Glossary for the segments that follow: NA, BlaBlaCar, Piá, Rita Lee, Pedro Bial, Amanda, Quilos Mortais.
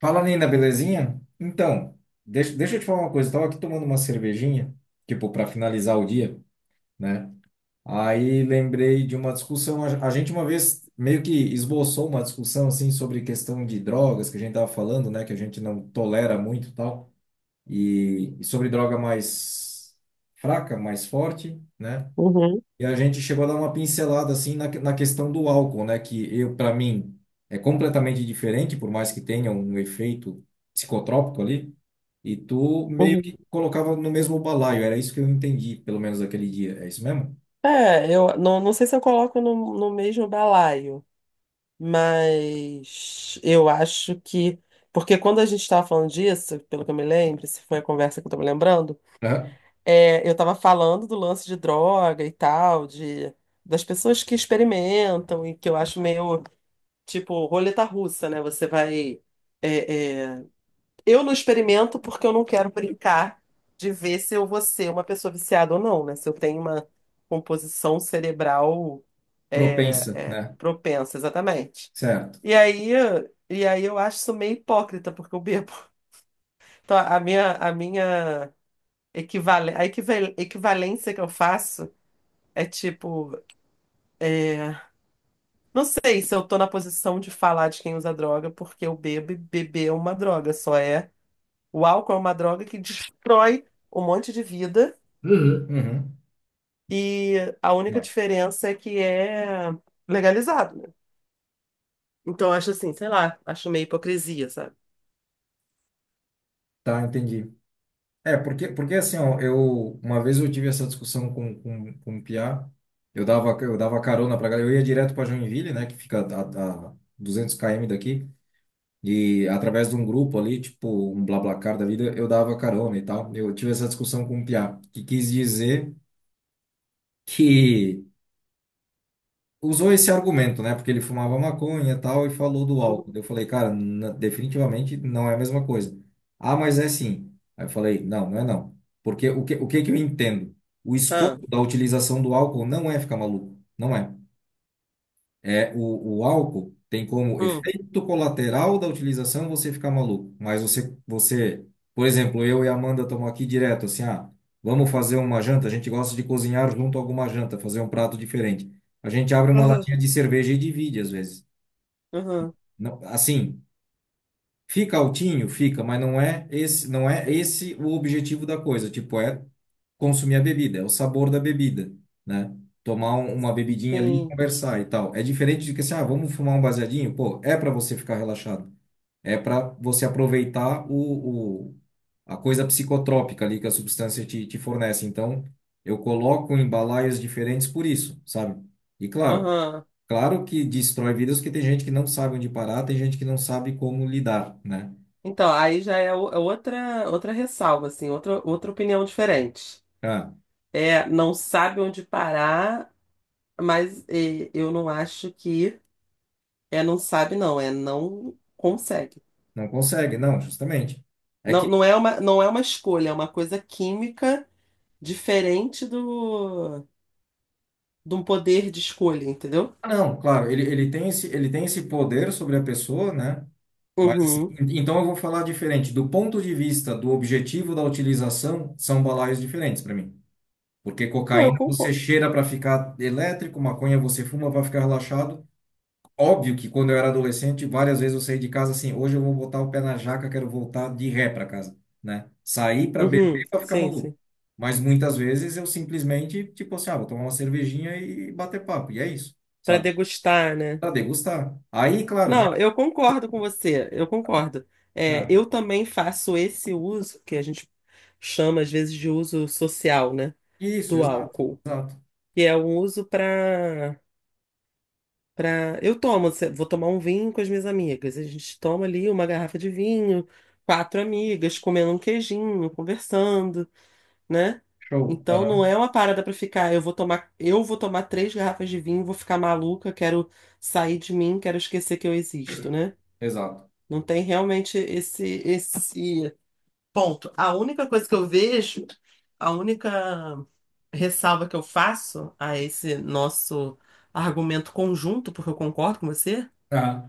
Fala, Nina, belezinha? Então, deixa eu te falar uma coisa. Eu tava aqui tomando uma cervejinha, tipo, para finalizar o dia, né? Aí lembrei de uma discussão. A gente uma vez meio que esboçou uma discussão, assim, sobre questão de drogas, que a gente tava falando, né? Que a gente não tolera muito e tal. E sobre droga mais fraca, mais forte, né? Uhum, E a gente chegou a dar uma pincelada assim na questão do álcool, né? Que eu, para mim, é completamente diferente, por mais que tenha um efeito psicotrópico ali. E tu meio que uhum. colocava no mesmo balaio, era isso que eu entendi, pelo menos aquele dia. É isso mesmo? É, eu não sei se eu coloco no mesmo balaio, mas eu acho que. Porque quando a gente estava falando disso, pelo que eu me lembro, se foi a conversa que eu estou me lembrando, Aham. Eu estava falando do lance de droga e tal, das pessoas que experimentam e que eu acho meio tipo roleta russa, né? Você vai. é, é, Eu não experimento porque eu não quero brincar de ver se eu vou ser uma pessoa viciada ou não, né? Se eu tenho uma composição cerebral Propensa, né? propensa, exatamente. Certo. E aí, e aí, eu acho isso meio hipócrita, porque eu bebo. Então, a minha equivalência que eu faço é tipo, é, não sei se eu tô na posição de falar de quem usa droga, porque eu bebo e beber é uma droga, só é. O álcool é uma droga que destrói um monte de vida Uhum. Uhum. e a única Mas. diferença é que é legalizado, né? Então, eu acho assim, sei lá, acho meio hipocrisia, sabe? Tá, entendi. É, porque assim, ó, eu uma vez eu tive essa discussão com o Piá, eu dava carona pra galera, eu ia direto pra Joinville, né, que fica a 200 km daqui. E através de um grupo ali, tipo um BlaBlaCar da vida, eu dava carona e tal. Eu tive essa discussão com o Piá, que quis dizer que usou esse argumento, né? Porque ele fumava maconha e tal e falou do álcool. Uhum. Eu falei, cara, definitivamente não é a mesma coisa. Ah, mas é sim. Aí eu falei, não, não é não. Porque o que que eu entendo? O Ah, escopo da utilização do álcool não é ficar maluco. Não é. É, o álcool tem como hum. efeito colateral da utilização você ficar maluco. Mas você, por exemplo, eu e a Amanda estamos aqui direto, assim, ah, vamos fazer uma janta. A gente gosta de cozinhar junto a alguma janta, fazer um prato diferente. A gente abre uma Uhum. latinha de cerveja e divide, às vezes. Uhum. Não, assim, fica altinho, fica, mas não é esse, não é esse o objetivo da coisa. Tipo, é consumir a bebida, é o sabor da bebida, né? Uma bebidinha ali, e Sim. conversar e tal. É diferente de que assim, ah, vamos fumar um baseadinho, pô, é para você ficar relaxado. É para você aproveitar a coisa psicotrópica ali que a substância te fornece. Então, eu coloco em balaios diferentes por isso, sabe? E claro, Uhum. claro que destrói vidas, porque tem gente que não sabe onde parar, tem gente que não sabe como lidar, né? Então, aí já é é outra ressalva, assim, outra opinião diferente. Ah, É, não sabe onde parar, mas eu não acho que é não sabe, não, é não consegue. não consegue, não, justamente. É Não, que, não é uma escolha, é uma coisa química diferente de um poder de escolha, entendeu? ah, não, claro, ele tem esse poder sobre a pessoa, né? Mas, assim, Uhum. então eu vou falar diferente. Do ponto de vista do objetivo da utilização, são balaios diferentes para mim. Porque Não, eu cocaína você concordo. cheira para ficar elétrico, maconha você fuma para ficar relaxado. Óbvio que quando eu era adolescente, várias vezes eu saí de casa assim, hoje eu vou botar o pé na jaca, quero voltar de ré para casa, né? Sair para Uhum. beber para ficar Sim, maluco. sim. Mas muitas vezes eu simplesmente, tipo assim, ah, vou tomar uma cervejinha e bater papo, e é isso, Para sabe? degustar, né? Para degustar. Aí, claro, né? Não, eu concordo com você, eu concordo. É, Ah, eu também faço esse uso, que a gente chama às vezes de uso social, né? isso, Do exato, álcool. exato. Que é um uso para Eu tomo, vou tomar um vinho com as minhas amigas. A gente toma ali uma garrafa de vinho, quatro amigas, comendo um queijinho, conversando, né? Show. Então não Aham. é uma parada pra ficar, eu vou tomar três garrafas de vinho, vou ficar maluca, quero sair de mim, quero esquecer que eu existo, né? Exato. Não tem realmente esse ponto. A única coisa que eu vejo, a única ressalva que eu faço a esse nosso argumento conjunto, porque eu concordo com você, Aham,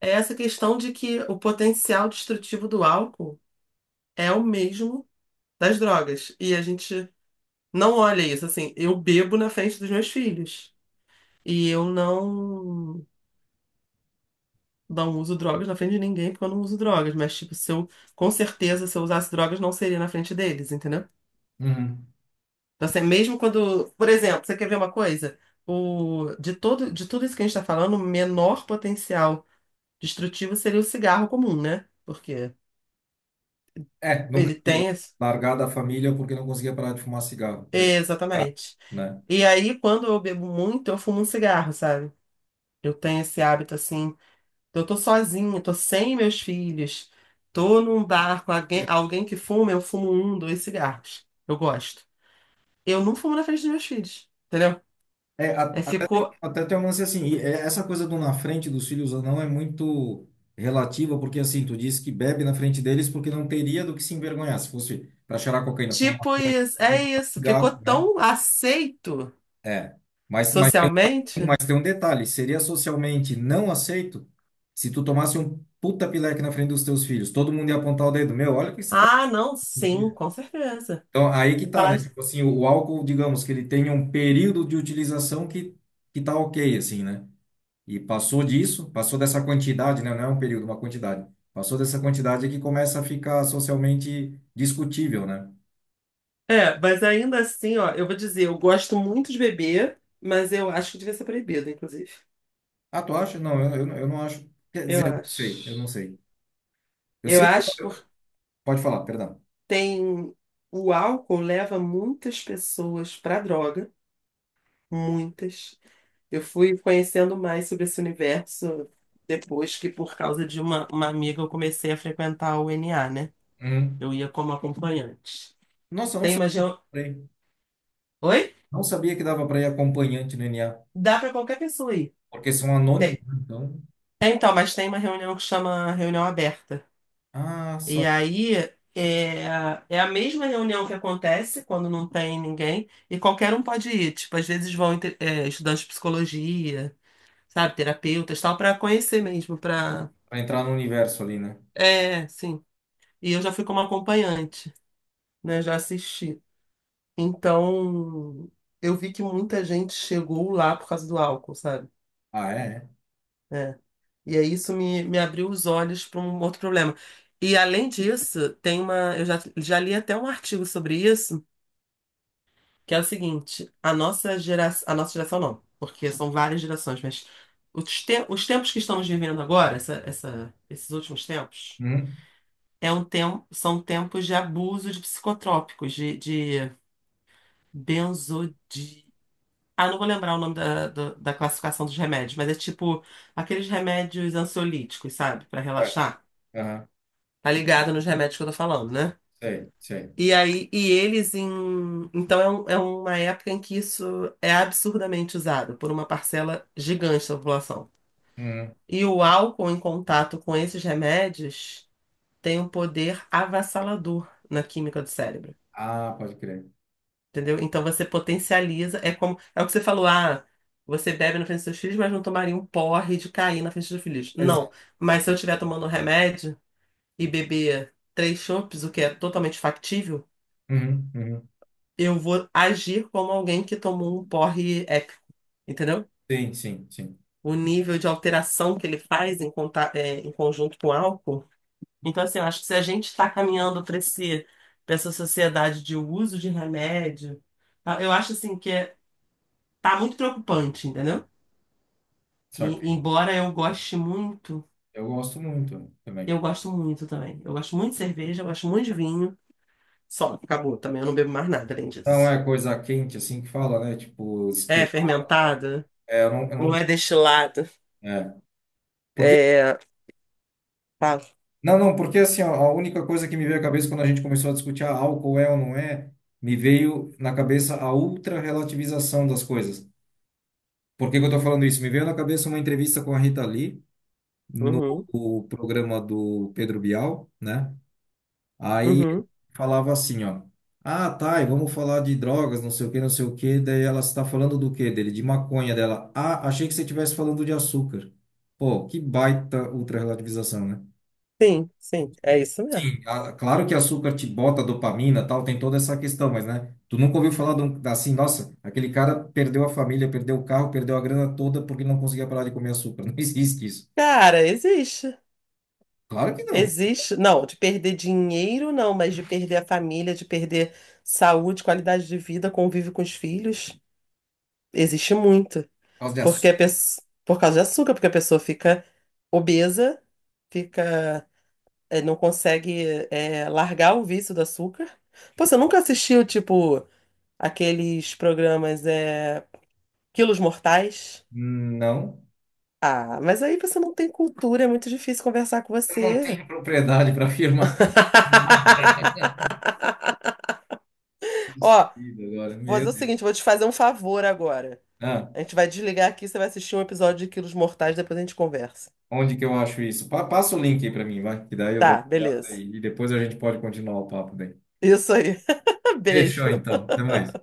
é essa questão de que o potencial destrutivo do álcool é o mesmo das drogas. E a gente não olha isso. Assim, eu bebo na frente dos meus filhos. E eu não uso drogas na frente de ninguém porque eu não uso drogas. Mas, tipo, se eu, com certeza, se eu usasse drogas, não seria na frente deles, entendeu? uhum. Então, assim, mesmo quando. Por exemplo, você quer ver uma coisa? O, de todo, de tudo isso que a gente está falando, o menor potencial destrutivo seria o cigarro comum, né? Porque É, nunca ele tem. Largar da família porque não conseguia parar de fumar cigarro, é, Exatamente. né? E aí, quando eu bebo muito, eu fumo um cigarro, sabe? Eu tenho esse hábito assim. Eu tô sozinha, tô sem meus filhos, tô num bar com alguém, alguém que fuma, eu fumo um, dois cigarros. Eu gosto. Eu não fumo na frente dos meus filhos, entendeu? É, É, ficou até tem um lance assim, e, é, essa coisa do na frente dos filhos ou não é muito relativa, porque assim, tu disse que bebe na frente deles porque não teria do que se envergonhar, se fosse para cheirar cocaína, fumar tipo um isso, é isso. Ficou cigarro, né? tão aceito É, mas, mas, socialmente. mas tem um detalhe, seria socialmente não aceito se tu tomasse um puta pileque na frente dos teus filhos, todo mundo ia apontar o dedo, meu, olha o que você tá... Ah, não, sim, com certeza. Então, aí que Vai tá, Falar... né? Tipo assim, o, álcool, digamos que ele tem um período de utilização que tá ok, assim, né? E passou disso, passou dessa quantidade, né? Não é um período, uma quantidade. Passou dessa quantidade é que começa a ficar socialmente discutível, né? É, mas ainda assim, ó, eu vou dizer, eu gosto muito de beber, mas eu acho que devia ser proibido, inclusive. Ah, tu acha? Não, eu não acho. Quer dizer, Eu eu não sei, eu não acho. sei. Eu Eu sei que. acho porque Pode falar, perdão. tem. O álcool leva muitas pessoas para droga, muitas. Eu fui conhecendo mais sobre esse universo depois que, por causa de uma amiga, eu comecei a frequentar o NA, né? Uhum. Eu ia como acompanhante. Nossa, eu não Tem uma. Sabia. Oi? Não sabia que dava para ir acompanhante no NA. Dá para qualquer pessoa ir. Porque são anônimos, Tem- né? Então. Então, mas tem uma reunião que chama reunião aberta. Ah, E só. aí é, é a mesma reunião que acontece quando não tem ninguém, e qualquer um pode ir. Tipo, às vezes vão estudantes de psicologia, sabe, terapeutas, tal, para conhecer mesmo, para. Para entrar no universo ali, né? É, sim. E eu já fui como acompanhante, né? Já assisti. Então, eu vi que muita gente chegou lá por causa do álcool, sabe? Ah, é? É. É. E aí isso me abriu os olhos para um outro problema. E além disso, tem uma. Eu já li até um artigo sobre isso. Que é o seguinte, a nossa geração não, porque são várias gerações, mas os tempos que estamos vivendo agora, esses últimos tempos, Uhum. é um tem- são tempos de abuso de psicotrópicos, benzodi... Ah, não vou lembrar o nome da, da classificação dos remédios, mas é tipo aqueles remédios ansiolíticos, sabe? Pra Certo. relaxar. Aham. Tá ligado nos remédios que eu tô falando, né? Sei, sei. E aí, e eles em. Então é uma época em que isso é absurdamente usado por uma parcela gigante da população. Uhum. E o álcool em contato com esses remédios tem um poder avassalador na química do cérebro. Ah, pode crer. Entendeu? Então você potencializa. É como. É o que você falou, ah, você bebe na frente dos seus filhos, mas não tomaria um porre de cair na frente dos filhos. Não. Exato. Mas se eu estiver tomando um remédio e beber três chopes, o que é totalmente factível. Uhum, uhum. Eu vou agir como alguém que tomou um porre épico, entendeu? Sim, sim, sim. O nível de alteração que ele faz em conjunto com o álcool. Então, assim, eu acho que se a gente está caminhando para para essa sociedade de uso de remédio, tá? Eu acho assim que tá muito preocupante, entendeu? E, Só embora eu goste muito, eu gosto muito eu também. gosto muito também. Eu gosto muito de cerveja, eu gosto muito de vinho. Só, acabou também, eu não bebo mais nada além Não disso. é coisa quente assim que fala, né? Tipo, É estilo. fermentada, É, eu não não, é destilado. é. Porque, É, fala. não, não, porque assim, ó, a única coisa que me veio à cabeça quando a gente começou a discutir ah, álcool é ou não é, me veio na cabeça a ultra-relativização das coisas. Por que que eu tô falando isso? Me veio na cabeça uma entrevista com a Rita Lee no Uhum, programa do Pedro Bial, né? Aí uhum. falava assim, ó. Ah, tá, e vamos falar de drogas, não sei o que, não sei o que. Daí ela está falando do que dele? De maconha dela. Ah, achei que você estivesse falando de açúcar. Pô, que baita ultra-relativização, né? Sim, sim, é isso mesmo. Sim, claro que açúcar te bota dopamina, tal, tem toda essa questão, mas, né? Tu nunca ouviu falar de um, assim, nossa, aquele cara perdeu a família, perdeu o carro, perdeu a grana toda porque não conseguia parar de comer açúcar. Não existe isso. Cara, existe. Claro que não. Por Existe. Não, de perder dinheiro, não, mas de perder a família, de perder saúde, qualidade de vida, convívio com os filhos, existe muito. causa de Porque a açúcar. pessoa, por causa de açúcar, porque a pessoa fica obesa, fica, não consegue, largar o vício do açúcar. Pô, você nunca assistiu, tipo, aqueles programas, é, Quilos Mortais? Não. Ah, mas aí você não tem cultura, é muito difícil conversar com Eu não você. tenho propriedade para afirmar. Nada. Ó, Esquecido agora, vou meu fazer o Deus. seguinte, vou te fazer um favor agora. Ah, A gente vai desligar aqui, você vai assistir um episódio de Quilos Mortais, depois a gente conversa. onde que eu acho isso? Passa o link aí pra mim, vai, que daí eu dou Tá, uma olhada beleza. e depois a gente pode continuar o papo daí. Isso aí. Fechou Beijo. então, até mais.